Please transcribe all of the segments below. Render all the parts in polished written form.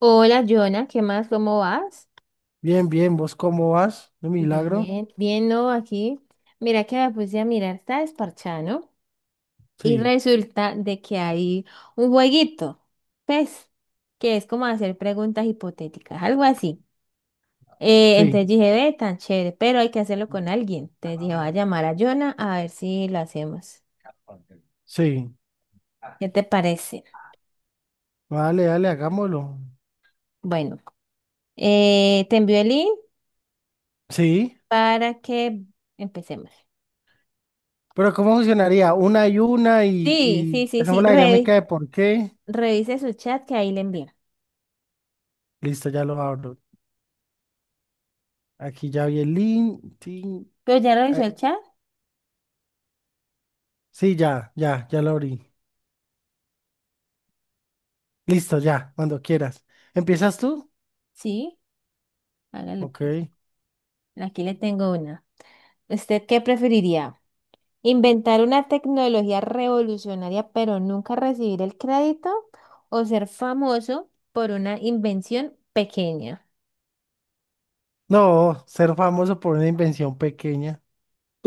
Hola, Jonah, ¿qué más? ¿Cómo vas? Bien, bien, ¿vos cómo vas? ¿De milagro? Bien, bien, no, aquí. Mira que me puse a mirar, está desparchado, ¿no? Y Sí, resulta de que hay un jueguito, pues, que es como hacer preguntas hipotéticas, algo así. Sí, Entonces dije, ve, tan chévere, pero hay que hacerlo con alguien. Entonces dije, voy a llamar a Jonah a ver si lo hacemos. sí. ¿Qué te parece? Vale, dale, hagámoslo. Bueno, te envío el link Sí, para que empecemos. pero ¿cómo funcionaría? Una Sí, sí, y sí, hacemos sí, la dinámica de por qué. revise su chat que ahí le envié. Listo, ya lo abro. Aquí ya vi el link. Tin, ¿Pero ya revisó eh, el chat? sí, ya lo abrí. Listo, ya, cuando quieras. ¿Empiezas tú? Sí, hágale Ok. pues. Aquí le tengo una. ¿Usted qué preferiría? ¿Inventar una tecnología revolucionaria pero nunca recibir el crédito? ¿O ser famoso por una invención pequeña? No, ser famoso por una invención pequeña.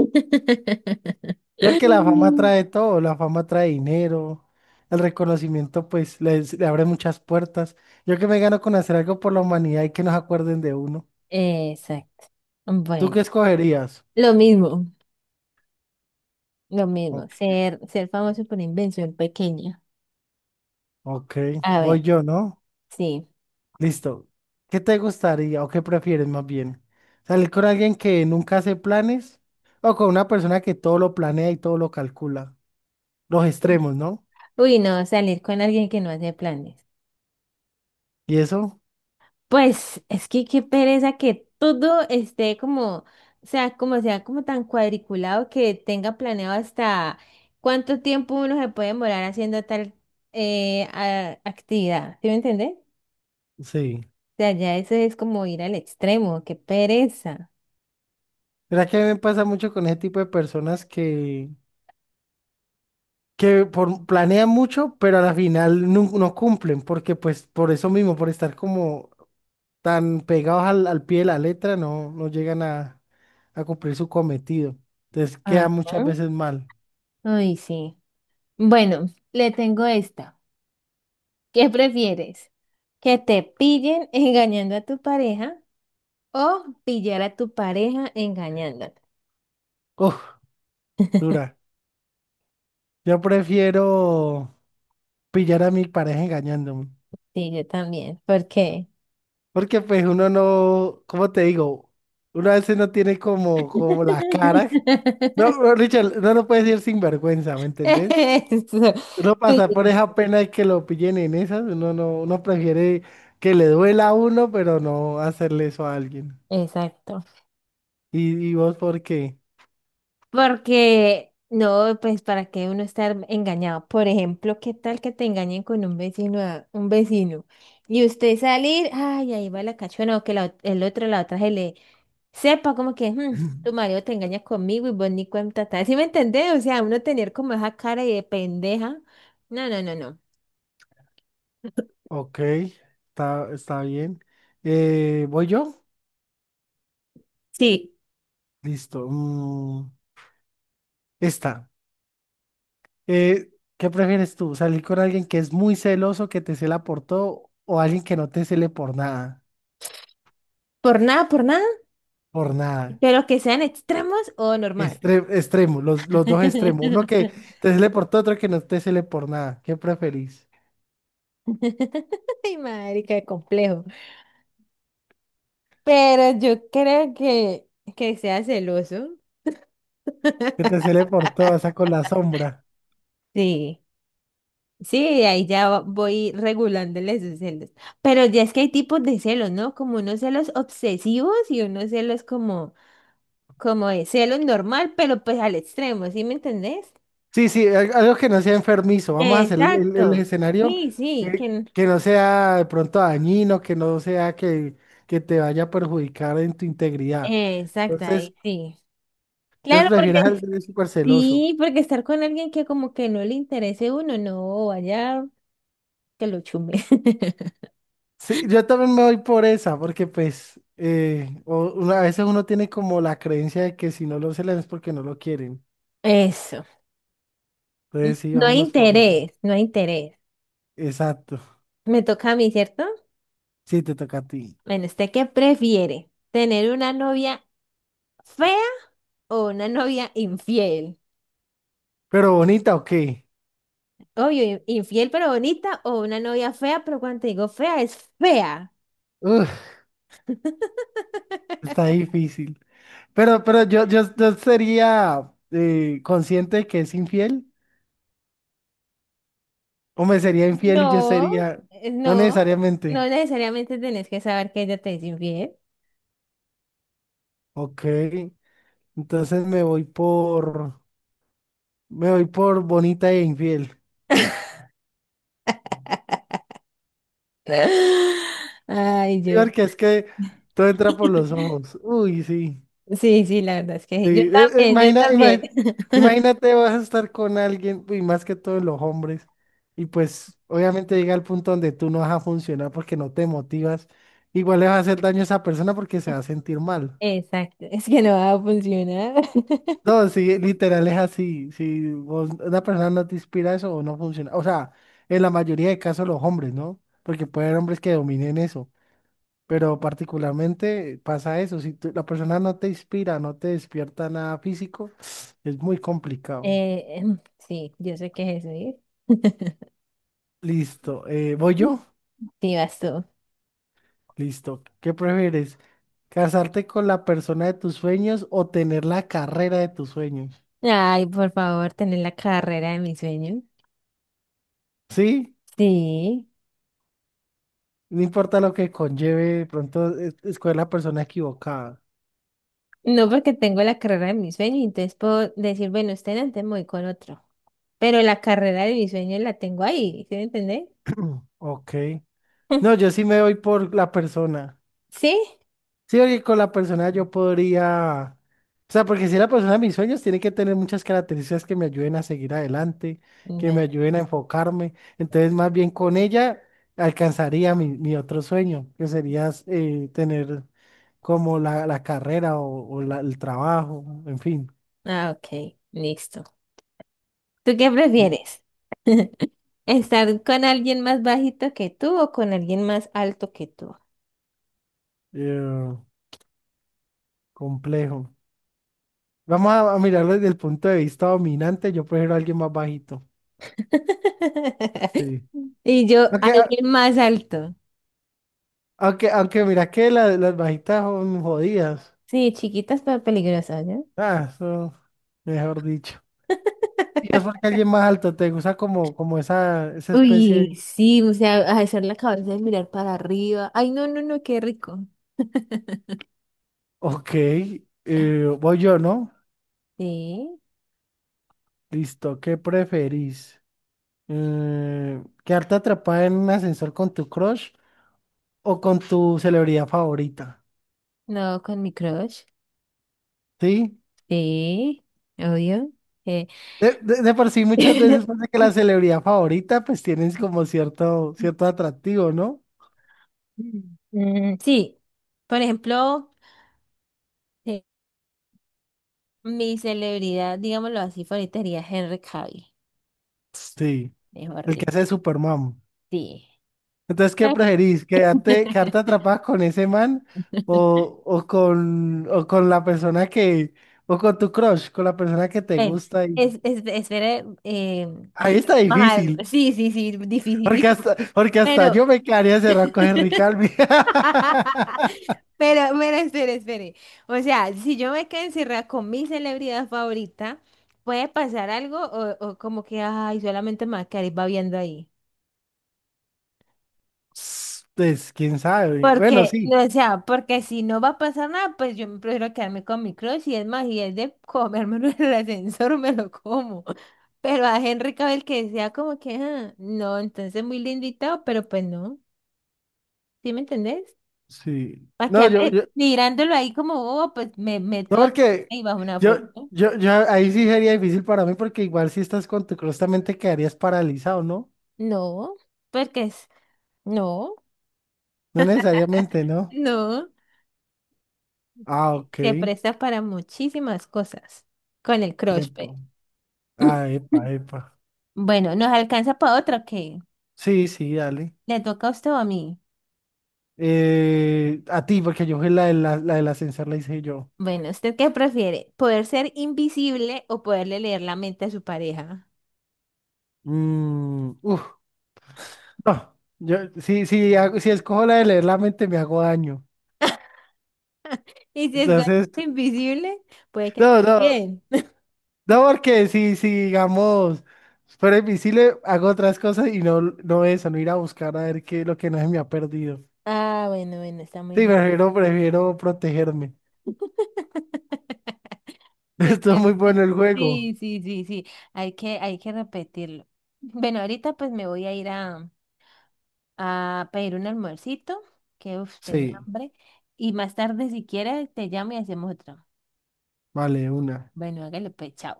Yo creo que la fama trae todo, la fama trae dinero, el reconocimiento pues le abre muchas puertas. Yo que me gano con hacer algo por la humanidad y que nos acuerden de uno. Exacto. ¿Tú qué Bueno, escogerías? lo mismo, lo mismo. Ok, Ser, ser famoso por invención pequeña. ok, A voy ver, yo, ¿no? sí. Listo. ¿Qué te gustaría o qué prefieres más bien? ¿Salir con alguien que nunca hace planes o con una persona que todo lo planea y todo lo calcula? Los extremos, ¿no? Uy, no, salir con alguien que no hace planes. ¿Y eso? Pues es que qué pereza que todo esté como, o sea como tan cuadriculado que tenga planeado hasta cuánto tiempo uno se puede demorar haciendo tal actividad. ¿Sí me entiendes? O Sí. sea, ya eso es como ir al extremo, qué pereza. Mira que a mí me pasa mucho con ese tipo de personas que por, planean mucho, pero a la final no, no cumplen, porque pues por eso mismo, por estar como tan pegados al pie de la letra, no, no llegan a cumplir su cometido. Entonces queda Ajá. muchas veces mal. Ay, sí. Bueno, le tengo esta. ¿Qué prefieres? ¿Que te pillen engañando a tu pareja o pillar a tu pareja engañándote? Uf, dura. Yo prefiero pillar a mi pareja engañándome, Sí, yo también. ¿Por qué? porque pues uno no, ¿cómo te digo? Uno a veces no tiene como, como la cara. No, no, Richard, no lo puedes decir sin vergüenza, ¿me entendés? Eso, Uno sí, pasa por esa pena de que lo pillen en esas, uno no, uno prefiere que le duela a uno, pero no hacerle eso a alguien. exacto. Y vos por qué? Porque, no, pues para qué uno estar engañado. Por ejemplo, ¿qué tal que te engañen con un vecino, un vecino? Y usted salir, ay, ahí va la cachona, o que la el otro, la otra se le sepa como que, "Mm, tu marido te engaña conmigo y vos ni cuenta te das". ¿Sí me entendés? O sea, uno tener como esa cara de pendeja. No, no, no, no. Ok, está, está bien. ¿voy yo? Sí, Listo. Esta. Eh, ¿qué prefieres tú? ¿Salir con alguien que es muy celoso, que te cela por todo, o alguien que no te cele por nada? Por nada, Por nada. pero que sean extremos o normal. Extremo, los dos extremos. Uno que te cele por todo, otro que no te cele por nada. ¿Qué preferís? Ay, marica qué complejo. Pero yo creo que sea celoso. Que te cele por todo, o sea, con la sombra. Sí, sí, voy regulándole sus celos. Pero ya es que hay tipos de celos, ¿no? Como unos celos obsesivos y unos celos como, como de celos normal, pero pues al extremo, ¿sí me entendés? Sí, sí, algo que no sea enfermizo. Vamos a hacer el, el Exacto. escenario Sí, sí, que, que no sea de pronto dañino, que no sea que te vaya a perjudicar en tu integridad. exacto, Entonces, ahí sí. entonces Claro, prefieres porque alguien súper celoso. sí, porque estar con alguien que como que no le interese a uno, no, vaya. Que lo chumbe. Sí, yo también me voy por esa, porque pues a veces uno tiene como la creencia de que si no lo celan es porque no lo quieren. Eso. Entonces sí, No hay vámonos por esa. interés, no hay interés. Exacto. Me toca a mí, ¿cierto? Sí, te toca a ti. Bueno, ¿usted qué prefiere? ¿Tener una novia fea o una novia infiel? Pero bonita, ¿o qué? Obvio, infiel pero bonita o una novia fea, pero cuando te digo fea es fea. Uf, está difícil. Pero yo, yo, yo sería consciente de que es infiel, o me sería infiel y yo No, sería, no no, no necesariamente. necesariamente tenés que saber que ella te es infiel. Ok, entonces me voy por bonita e infiel. Ay, Sí, yo. porque es que todo entra por los ojos. Uy, sí. Sí, sí, la verdad es que sí. Yo Sí. También, yo también. Imagínate, vas a estar con alguien, y más que todos los hombres, y pues obviamente llega el punto donde tú no vas a funcionar porque no te motivas. Igual le vas a hacer daño a esa persona porque se va a sentir mal. Exacto, es que no va a funcionar. No, sí, literal es así. Si una persona no te inspira eso o no funciona. O sea, en la mayoría de casos los hombres, ¿no? Porque puede haber hombres que dominen eso. Pero particularmente pasa eso. Si la persona no te inspira, no te despierta nada físico, es muy complicado. Eh, em, sí, yo sé que es eso, ¿eh? Listo. ¿voy yo? Sí, vas tú. Listo. ¿Qué prefieres? ¿Casarte con la persona de tus sueños o tener la carrera de tus sueños? Ay, por favor, tener la carrera de mi sueño. Sí, Sí, no importa lo que conlleve, de pronto escoger la persona equivocada. no porque tengo la carrera de mi sueño, entonces puedo decir, bueno, usted antes me voy con otro, pero la carrera de mi sueño la tengo ahí, ¿sí me entendés? Mm, ok. No, yo sí me voy por la persona. ¿Sí? Sí, porque con la persona yo podría. O sea, porque si la persona de mis sueños tiene que tener muchas características que me ayuden a seguir adelante, que me Bueno, ayuden a enfocarme. Entonces, más bien con ella alcanzaría mi, mi otro sueño, que sería tener como la carrera o el trabajo, en fin. ah, ok, listo. ¿Tú qué Eh, prefieres? ¿Estar con alguien más bajito que tú o con alguien más alto que tú? eh, complejo. Vamos a mirarlo desde el punto de vista dominante. Yo prefiero a alguien más bajito. Sí. Y yo, Aunque, ah, alguien más alto. aunque, aunque mira que las bajitas son jodidas. Sí, chiquitas pero peligrosas, ¿no? Ah, eso, mejor dicho. Y es porque alguien más alto te gusta como, como esa especie Uy, de- sí, o sea, hacer la cabeza y mirar para arriba. Ay, no, no, no, qué rico. Ok, voy yo, ¿no? Sí, Listo, ¿qué preferís? ¿quedarte atrapada en un ascensor con tu crush o con tu celebridad favorita? no, con mi crush. ¿Sí? Sí, obvio. Eh, De por sí muchas veces pasa que la celebridad favorita pues tienes como cierto, cierto atractivo, ¿no? Mm, sí, por ejemplo, mi celebridad, digámoslo así, favorita sería Henry Cavill, Sí, mejor el que hace de dicho. Superman. Sí. Entonces, ¿qué preferís? ¿Quedarte, quedarte atrapada con ese man o con la persona que, o con tu crush, con la persona que te Ven, gusta? Y... espere, Ahí está más algo. difícil, Sí, sí, sí, dificilísimo, porque hasta pero, yo me quedaría cerrado con Henry Calvi. Pero, espere, espere. O sea, si yo me quedo encerrada con mi celebridad favorita, ¿puede pasar algo o como que, ay, solamente me va a quedar babeando ahí? Pues, quién sabe. Bueno, Porque, sí, no, o sea, porque si no va a pasar nada, pues yo me prefiero quedarme con mi crush y es más, y es de comérmelo en el ascensor, me lo como. Pero a Henry Cavill que sea como que, ah, no, entonces muy lindo y todo, pero pues no, ¿sí me entendés? sí. Para No, yo, quedarme mirándolo ahí como bobo, pues me no, meto ahí porque y bajo una yo, foto. yo, ahí sí sería difícil para mí, porque igual si estás con tu crush también te quedarías paralizado, ¿no? No, porque es, no, No necesariamente, ¿no? no, Ah, ok. se presta para muchísimas cosas con el crush, Epa. pues. Ah, epa, epa. Bueno, ¿nos alcanza para otra o qué? Sí, sí, dale. ¿Le toca a usted o a mí? A ti, porque yo fui la, de la, la del ascensor, la hice yo. Bueno, ¿usted qué prefiere? ¿Poder ser invisible o poderle leer la mente a su pareja? Mm, uf, no. Yo, sí sí si escojo la de leer la mente, me hago daño. Y si es Entonces, invisible, puede que no, no. también. No, porque si, si digamos, fuera invisible, hago otras cosas y no, no eso, no ir a buscar a ver qué es lo que no se me ha perdido. Ah, bueno, bueno, está muy Sí, bien. prefiero, prefiero protegerme. Me Esto es muy parece. bueno el juego. Sí, sí, sí, sí. Hay que repetirlo. Bueno, ahorita pues me voy a ir a pedir un almuercito, que uf, tengo Sí, hambre. Y más tarde, si quieres, te llamo y hacemos otro. vale, una. Bueno, hágale pues, chao.